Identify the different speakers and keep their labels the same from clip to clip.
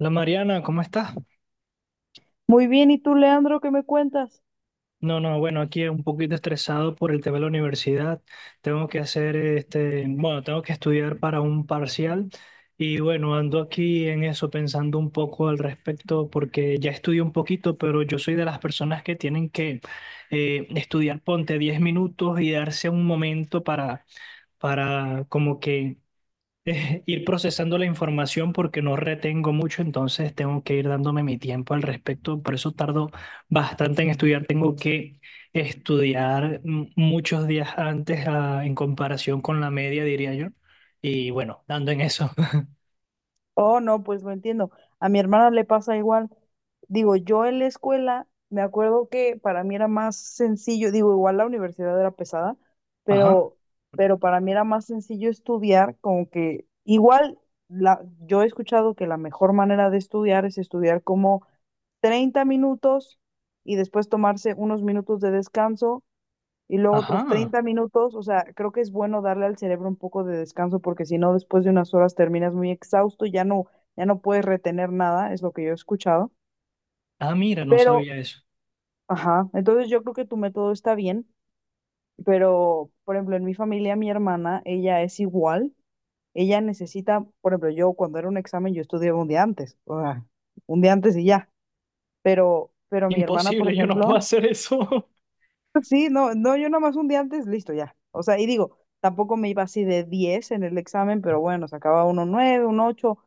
Speaker 1: La Mariana, ¿cómo estás?
Speaker 2: Muy bien, ¿y tú, Leandro, qué me cuentas?
Speaker 1: No, no, bueno, aquí un poquito estresado por el tema de la universidad. Tengo que hacer bueno, tengo que estudiar para un parcial y bueno, ando aquí en eso pensando un poco al respecto porque ya estudié un poquito, pero yo soy de las personas que tienen que estudiar, ponte 10 minutos y darse un momento para como que ir procesando la información porque no retengo mucho, entonces tengo que ir dándome mi tiempo al respecto. Por eso tardo bastante en estudiar. Tengo que estudiar muchos días antes en comparación con la media, diría yo. Y bueno, dando en eso.
Speaker 2: Oh, no, pues lo entiendo. A mi hermana le pasa igual. Digo, yo en la escuela, me acuerdo que para mí era más sencillo. Digo, igual la universidad era pesada,
Speaker 1: Ajá,
Speaker 2: pero, pero para mí era más sencillo estudiar, como que igual yo he escuchado que la mejor manera de estudiar es estudiar como 30 minutos y después tomarse unos minutos de descanso y luego otros
Speaker 1: ajá.
Speaker 2: treinta minutos, O sea, creo que es bueno darle al cerebro un poco de descanso, porque si no, después de unas horas terminas muy exhausto, ya no puedes retener nada. Es lo que yo he escuchado.
Speaker 1: Ah, mira, no
Speaker 2: Pero,
Speaker 1: sabía eso.
Speaker 2: ajá, entonces yo creo que tu método está bien, pero, por ejemplo, en mi familia, mi hermana, ella es igual. Ella necesita, por ejemplo, yo cuando era un examen, yo estudiaba un día antes, o sea, un día antes y ya, pero mi hermana, por
Speaker 1: Imposible, yo no puedo
Speaker 2: ejemplo.
Speaker 1: hacer eso.
Speaker 2: Sí, no, no, yo nomás un día antes, listo, ya. O sea, y digo, tampoco me iba así de 10 en el examen, pero bueno, sacaba uno 9 un ocho.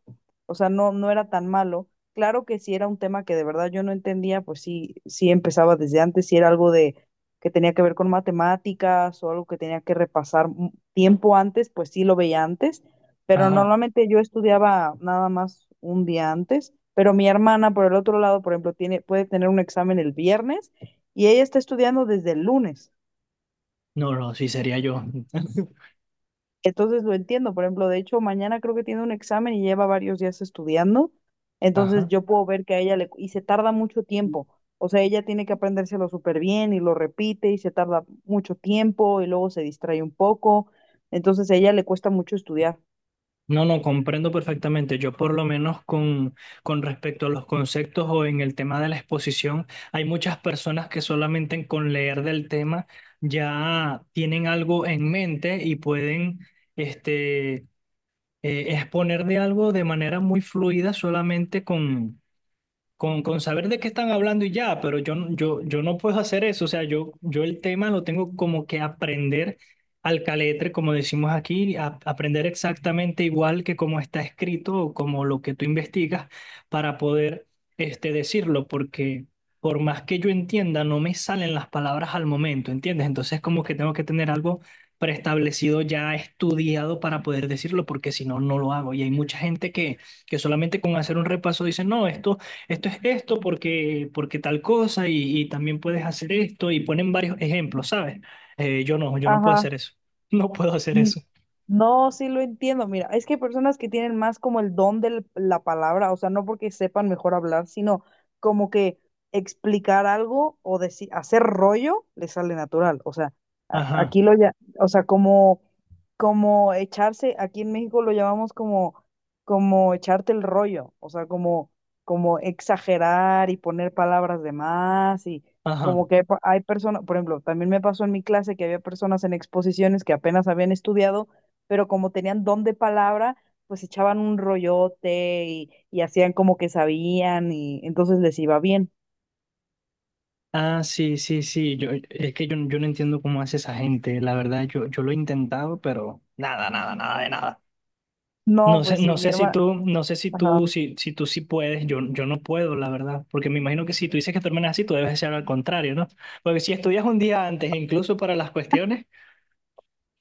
Speaker 2: O sea, no, no era tan malo. Claro que si era un tema que de verdad yo no entendía, pues sí, sí empezaba desde antes. Si era algo de que tenía que ver con matemáticas o algo que tenía que repasar un tiempo antes, pues sí, lo veía antes. Pero
Speaker 1: Ajá.
Speaker 2: normalmente yo estudiaba nada más un día antes. Pero mi hermana, por el otro lado, por ejemplo, puede tener un examen el viernes y ella está estudiando desde el lunes.
Speaker 1: No, no, sí sería yo.
Speaker 2: Entonces lo entiendo. Por ejemplo, de hecho, mañana creo que tiene un examen y lleva varios días estudiando. Entonces
Speaker 1: Ajá.
Speaker 2: yo puedo ver que a ella le... Y se tarda mucho tiempo. O sea, ella tiene que aprendérselo súper bien y lo repite y se tarda mucho tiempo y luego se distrae un poco. Entonces a ella le cuesta mucho estudiar.
Speaker 1: No, no, comprendo perfectamente. Yo por lo menos con respecto a los conceptos o en el tema de la exposición, hay muchas personas que solamente con leer del tema ya tienen algo en mente y pueden este, exponer de algo de manera muy fluida solamente con saber de qué están hablando y ya, pero yo no puedo hacer eso, o sea, yo el tema lo tengo como que aprender al caletre, como decimos aquí, aprender exactamente igual que como está escrito o como lo que tú investigas para poder decirlo, porque por más que yo entienda, no me salen las palabras al momento, ¿entiendes? Entonces como que tengo que tener algo preestablecido, ya estudiado para poder decirlo, porque si no, no lo hago. Y hay mucha gente que solamente con hacer un repaso dice no, esto es esto porque tal cosa y también puedes hacer esto y ponen varios ejemplos, ¿sabes? Yo no puedo
Speaker 2: Ajá.
Speaker 1: hacer eso. No puedo hacer eso.
Speaker 2: No, sí lo entiendo. Mira, es que hay personas que tienen más como el don de la palabra, o sea, no porque sepan mejor hablar, sino como que explicar algo o decir, hacer rollo, le sale natural. O sea, a-
Speaker 1: Ajá,
Speaker 2: aquí lo ya, o sea, como echarse, aquí en México lo llamamos como, echarte el rollo, o sea, como, como exagerar y poner palabras de más. Y
Speaker 1: ajá.
Speaker 2: como que hay personas, por ejemplo, también me pasó en mi clase, que había personas en exposiciones que apenas habían estudiado, pero como tenían don de palabra, pues echaban un rollote y hacían como que sabían y entonces les iba bien.
Speaker 1: Ah, sí, sí, sí. Yo, es que yo no entiendo cómo hace esa gente. La verdad, yo lo he intentado, pero nada, nada, nada de nada.
Speaker 2: No,
Speaker 1: No sé,
Speaker 2: pues
Speaker 1: no
Speaker 2: sí, mi
Speaker 1: sé si
Speaker 2: hermana.
Speaker 1: tú, no sé si tú, si, si tú sí puedes, yo no puedo, la verdad, porque me imagino que si tú dices que tu hermana así, tú debes ser al contrario, ¿no? Porque si estudias un día antes, incluso para las cuestiones,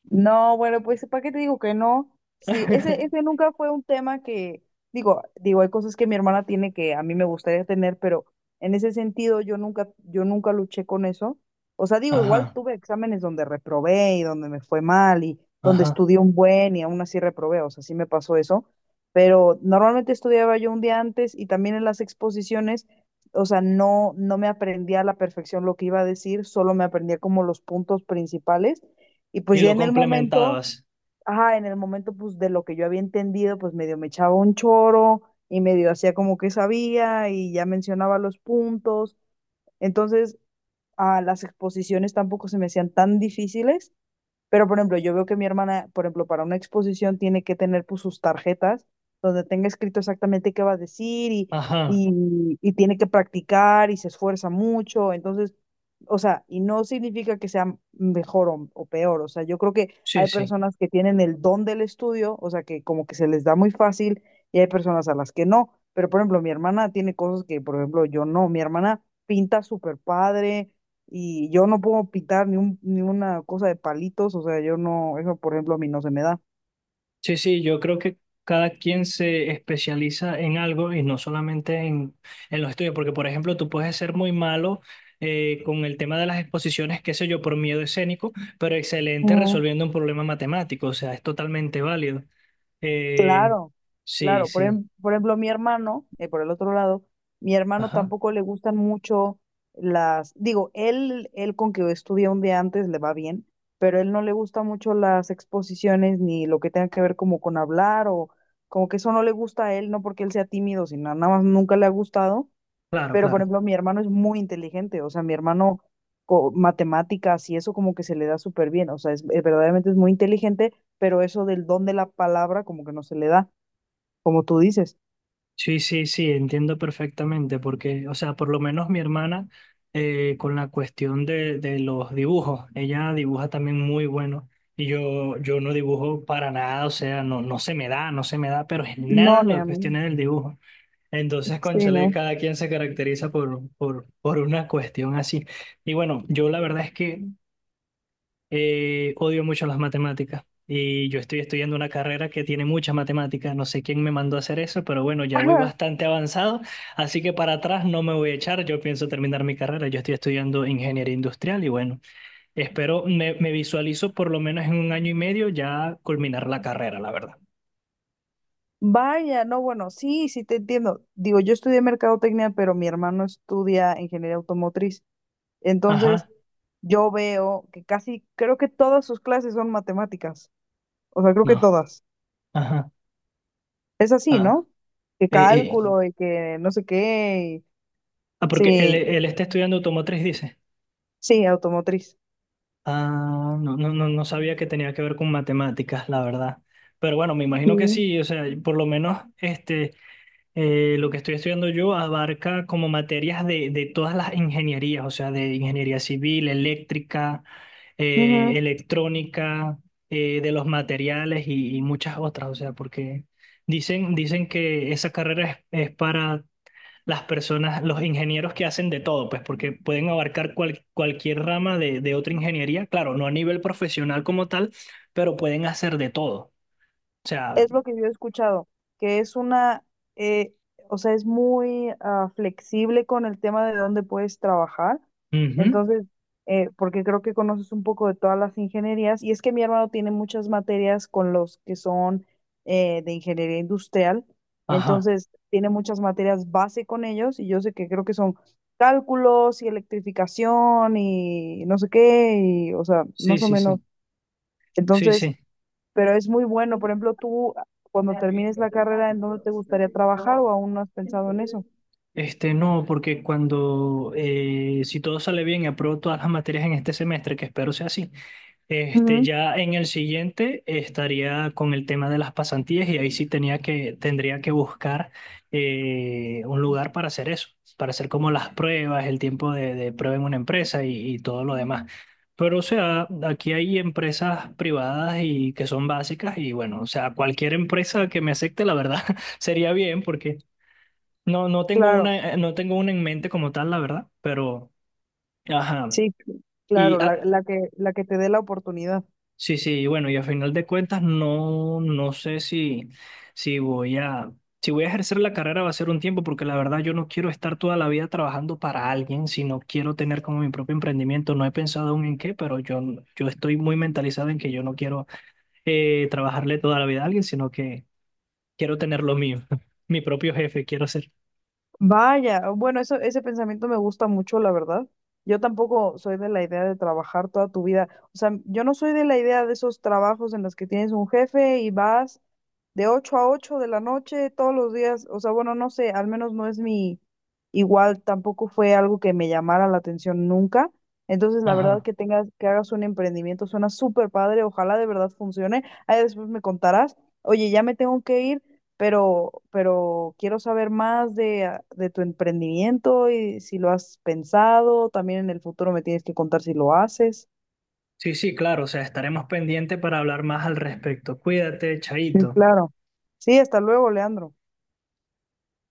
Speaker 2: No, bueno, pues ¿para qué te digo que no? Sí, ese, ese nunca fue un tema que, digo, hay cosas que mi hermana tiene que a mí me gustaría tener, pero en ese sentido yo nunca luché con eso. O sea, digo, igual
Speaker 1: ajá.
Speaker 2: tuve exámenes donde reprobé y donde me fue mal y donde
Speaker 1: Ajá.
Speaker 2: estudié un buen y aún así reprobé, o sea, sí me pasó eso. Pero normalmente estudiaba yo un día antes, y también en las exposiciones, o sea, no, no me aprendía a la perfección lo que iba a decir, solo me aprendía como los puntos principales y pues
Speaker 1: Y
Speaker 2: ya
Speaker 1: lo
Speaker 2: en el momento,
Speaker 1: complementabas.
Speaker 2: ajá, en el momento, pues de lo que yo había entendido, pues medio me echaba un choro y medio hacía como que sabía y ya mencionaba los puntos. Entonces, a las exposiciones tampoco se me hacían tan difíciles. Pero, por ejemplo, yo veo que mi hermana, por ejemplo, para una exposición tiene que tener pues sus tarjetas donde tenga escrito exactamente qué va a decir, y,
Speaker 1: Ajá.
Speaker 2: y, y tiene que practicar y se esfuerza mucho. Entonces, o sea, y no significa que sea mejor o peor. O sea, yo creo que
Speaker 1: Sí,
Speaker 2: hay
Speaker 1: sí.
Speaker 2: personas que tienen el don del estudio, o sea, que como que se les da muy fácil, y hay personas a las que no. Pero, por ejemplo, mi hermana tiene cosas que, por ejemplo, yo no. Mi hermana pinta súper padre y yo no puedo pitar ni una cosa de palitos. O sea, yo no, eso por ejemplo a mí no se me da.
Speaker 1: Sí, sí, yo creo que cada quien se especializa en algo y no solamente en los estudios, porque por ejemplo tú puedes ser muy malo con el tema de las exposiciones, qué sé yo, por miedo escénico, pero excelente
Speaker 2: Mm.
Speaker 1: resolviendo un problema matemático, o sea, es totalmente válido. Eh,
Speaker 2: Claro,
Speaker 1: sí,
Speaker 2: claro,
Speaker 1: sí.
Speaker 2: por ejemplo mi hermano, por el otro lado, mi hermano
Speaker 1: Ajá.
Speaker 2: tampoco le gustan mucho digo, él con que estudia un día antes le va bien, pero él no le gusta mucho las exposiciones, ni lo que tenga que ver como con hablar, o como que eso no le gusta a él, no porque él sea tímido, sino nada más nunca le ha gustado.
Speaker 1: Claro,
Speaker 2: Pero, por
Speaker 1: claro.
Speaker 2: ejemplo, mi hermano es muy inteligente, o sea, mi hermano, matemáticas y eso como que se le da súper bien, o sea, es, verdaderamente es muy inteligente, pero eso del don de la palabra como que no se le da, como tú dices.
Speaker 1: Sí, sí, sí, entiendo perfectamente, porque, o sea, por lo menos mi hermana, con la cuestión de los dibujos, ella dibuja también muy bueno, y yo no dibujo para nada, o sea, no, no se me da, no se me da, pero en
Speaker 2: No,
Speaker 1: nada
Speaker 2: ni
Speaker 1: las
Speaker 2: a mí.
Speaker 1: cuestiones del dibujo. Entonces,
Speaker 2: Sí,
Speaker 1: cónchale,
Speaker 2: no.
Speaker 1: cada quien se caracteriza por una cuestión así. Y bueno, yo la verdad es que odio mucho las matemáticas y yo estoy estudiando una carrera que tiene muchas matemáticas. No sé quién me mandó a hacer eso, pero bueno, ya voy
Speaker 2: Ajá.
Speaker 1: bastante avanzado, así que para atrás no me voy a echar. Yo pienso terminar mi carrera. Yo estoy estudiando ingeniería industrial y bueno, me visualizo por lo menos en 1 año y medio ya culminar la carrera, la verdad.
Speaker 2: Vaya, no, bueno, sí, sí te entiendo. Digo, yo estudié mercadotecnia, pero mi hermano estudia ingeniería automotriz. Entonces,
Speaker 1: Ajá,
Speaker 2: yo veo que casi, creo que todas sus clases son matemáticas. O sea, creo que
Speaker 1: no,
Speaker 2: todas.
Speaker 1: ajá,
Speaker 2: Es así,
Speaker 1: ah,
Speaker 2: ¿no? Que
Speaker 1: eh, eh.
Speaker 2: cálculo y que no sé qué.
Speaker 1: Ah, porque
Speaker 2: Sí,
Speaker 1: él está estudiando automotriz, dice.
Speaker 2: sí, automotriz.
Speaker 1: Ah, no, no, no, no sabía que tenía que ver con matemáticas, la verdad. Pero bueno, me imagino que
Speaker 2: Sí.
Speaker 1: sí, o sea, por lo menos lo que estoy estudiando yo abarca como materias de todas las ingenierías, o sea, de ingeniería civil, eléctrica,
Speaker 2: Ujú.
Speaker 1: electrónica, de los materiales y muchas otras, o sea, porque dicen que esa carrera es para las personas, los ingenieros que hacen de todo, pues porque pueden abarcar cualquier rama de otra ingeniería, claro, no a nivel profesional como tal, pero pueden hacer de todo. O sea,
Speaker 2: Es lo que yo he escuchado, que es eh, o sea, es muy flexible con el tema de dónde puedes trabajar.
Speaker 1: ujú,
Speaker 2: Entonces, porque creo que conoces un poco de todas las ingenierías, y es que mi hermano tiene muchas materias con los que son de ingeniería industrial.
Speaker 1: ajá,
Speaker 2: Entonces tiene muchas materias base con ellos, y yo sé que creo que son cálculos y electrificación y no sé qué, y, o sea,
Speaker 1: sí,
Speaker 2: más o
Speaker 1: sí,
Speaker 2: menos.
Speaker 1: sí, sí,
Speaker 2: Entonces,
Speaker 1: sí.
Speaker 2: pero es muy bueno. Por ejemplo, tú, cuando termines la carrera, ¿en dónde te gustaría trabajar o aún no has pensado en eso?
Speaker 1: No, porque si todo sale bien, apruebo todas las materias en este semestre, que espero sea así. Este,
Speaker 2: Ujú.
Speaker 1: ya en el siguiente estaría con el tema de las pasantías y ahí sí tendría que buscar un lugar para hacer eso, para hacer como las pruebas, el tiempo de prueba en una empresa y todo lo demás. Pero o sea, aquí hay empresas privadas y que son básicas y bueno, o sea, cualquier empresa que me acepte, la verdad, sería bien porque
Speaker 2: Claro.
Speaker 1: no tengo una en mente como tal, la verdad, pero ajá.
Speaker 2: Sí,
Speaker 1: Y
Speaker 2: claro, la, la que, la que te dé la oportunidad.
Speaker 1: sí, sí, y bueno, y a final de cuentas no, no sé si, si voy a, si voy a ejercer la carrera va a ser un tiempo, porque la verdad yo no quiero estar toda la vida trabajando para alguien, sino quiero tener como mi propio emprendimiento. No he pensado aún en qué, pero yo estoy muy mentalizado en que yo no quiero trabajarle toda la vida a alguien, sino que quiero tener lo mío, mi propio jefe quiero ser.
Speaker 2: Vaya, bueno, ese pensamiento me gusta mucho, la verdad. Yo tampoco soy de la idea de trabajar toda tu vida. O sea, yo no soy de la idea de esos trabajos en los que tienes un jefe y vas de 8 a 8 de la noche todos los días. O sea, bueno, no sé, al menos no es mi, igual tampoco fue algo que me llamara la atención nunca. Entonces, la verdad,
Speaker 1: Ajá.
Speaker 2: que que hagas un emprendimiento suena súper padre, ojalá de verdad funcione. Ahí después me contarás. Oye, ya me tengo que ir, pero, quiero saber más de tu emprendimiento y si lo has pensado. También en el futuro me tienes que contar si lo haces.
Speaker 1: Sí, sí, claro, o sea, estaremos pendientes para hablar más al respecto. Cuídate,
Speaker 2: Sí,
Speaker 1: Chaito.
Speaker 2: claro. Sí, hasta luego, Leandro.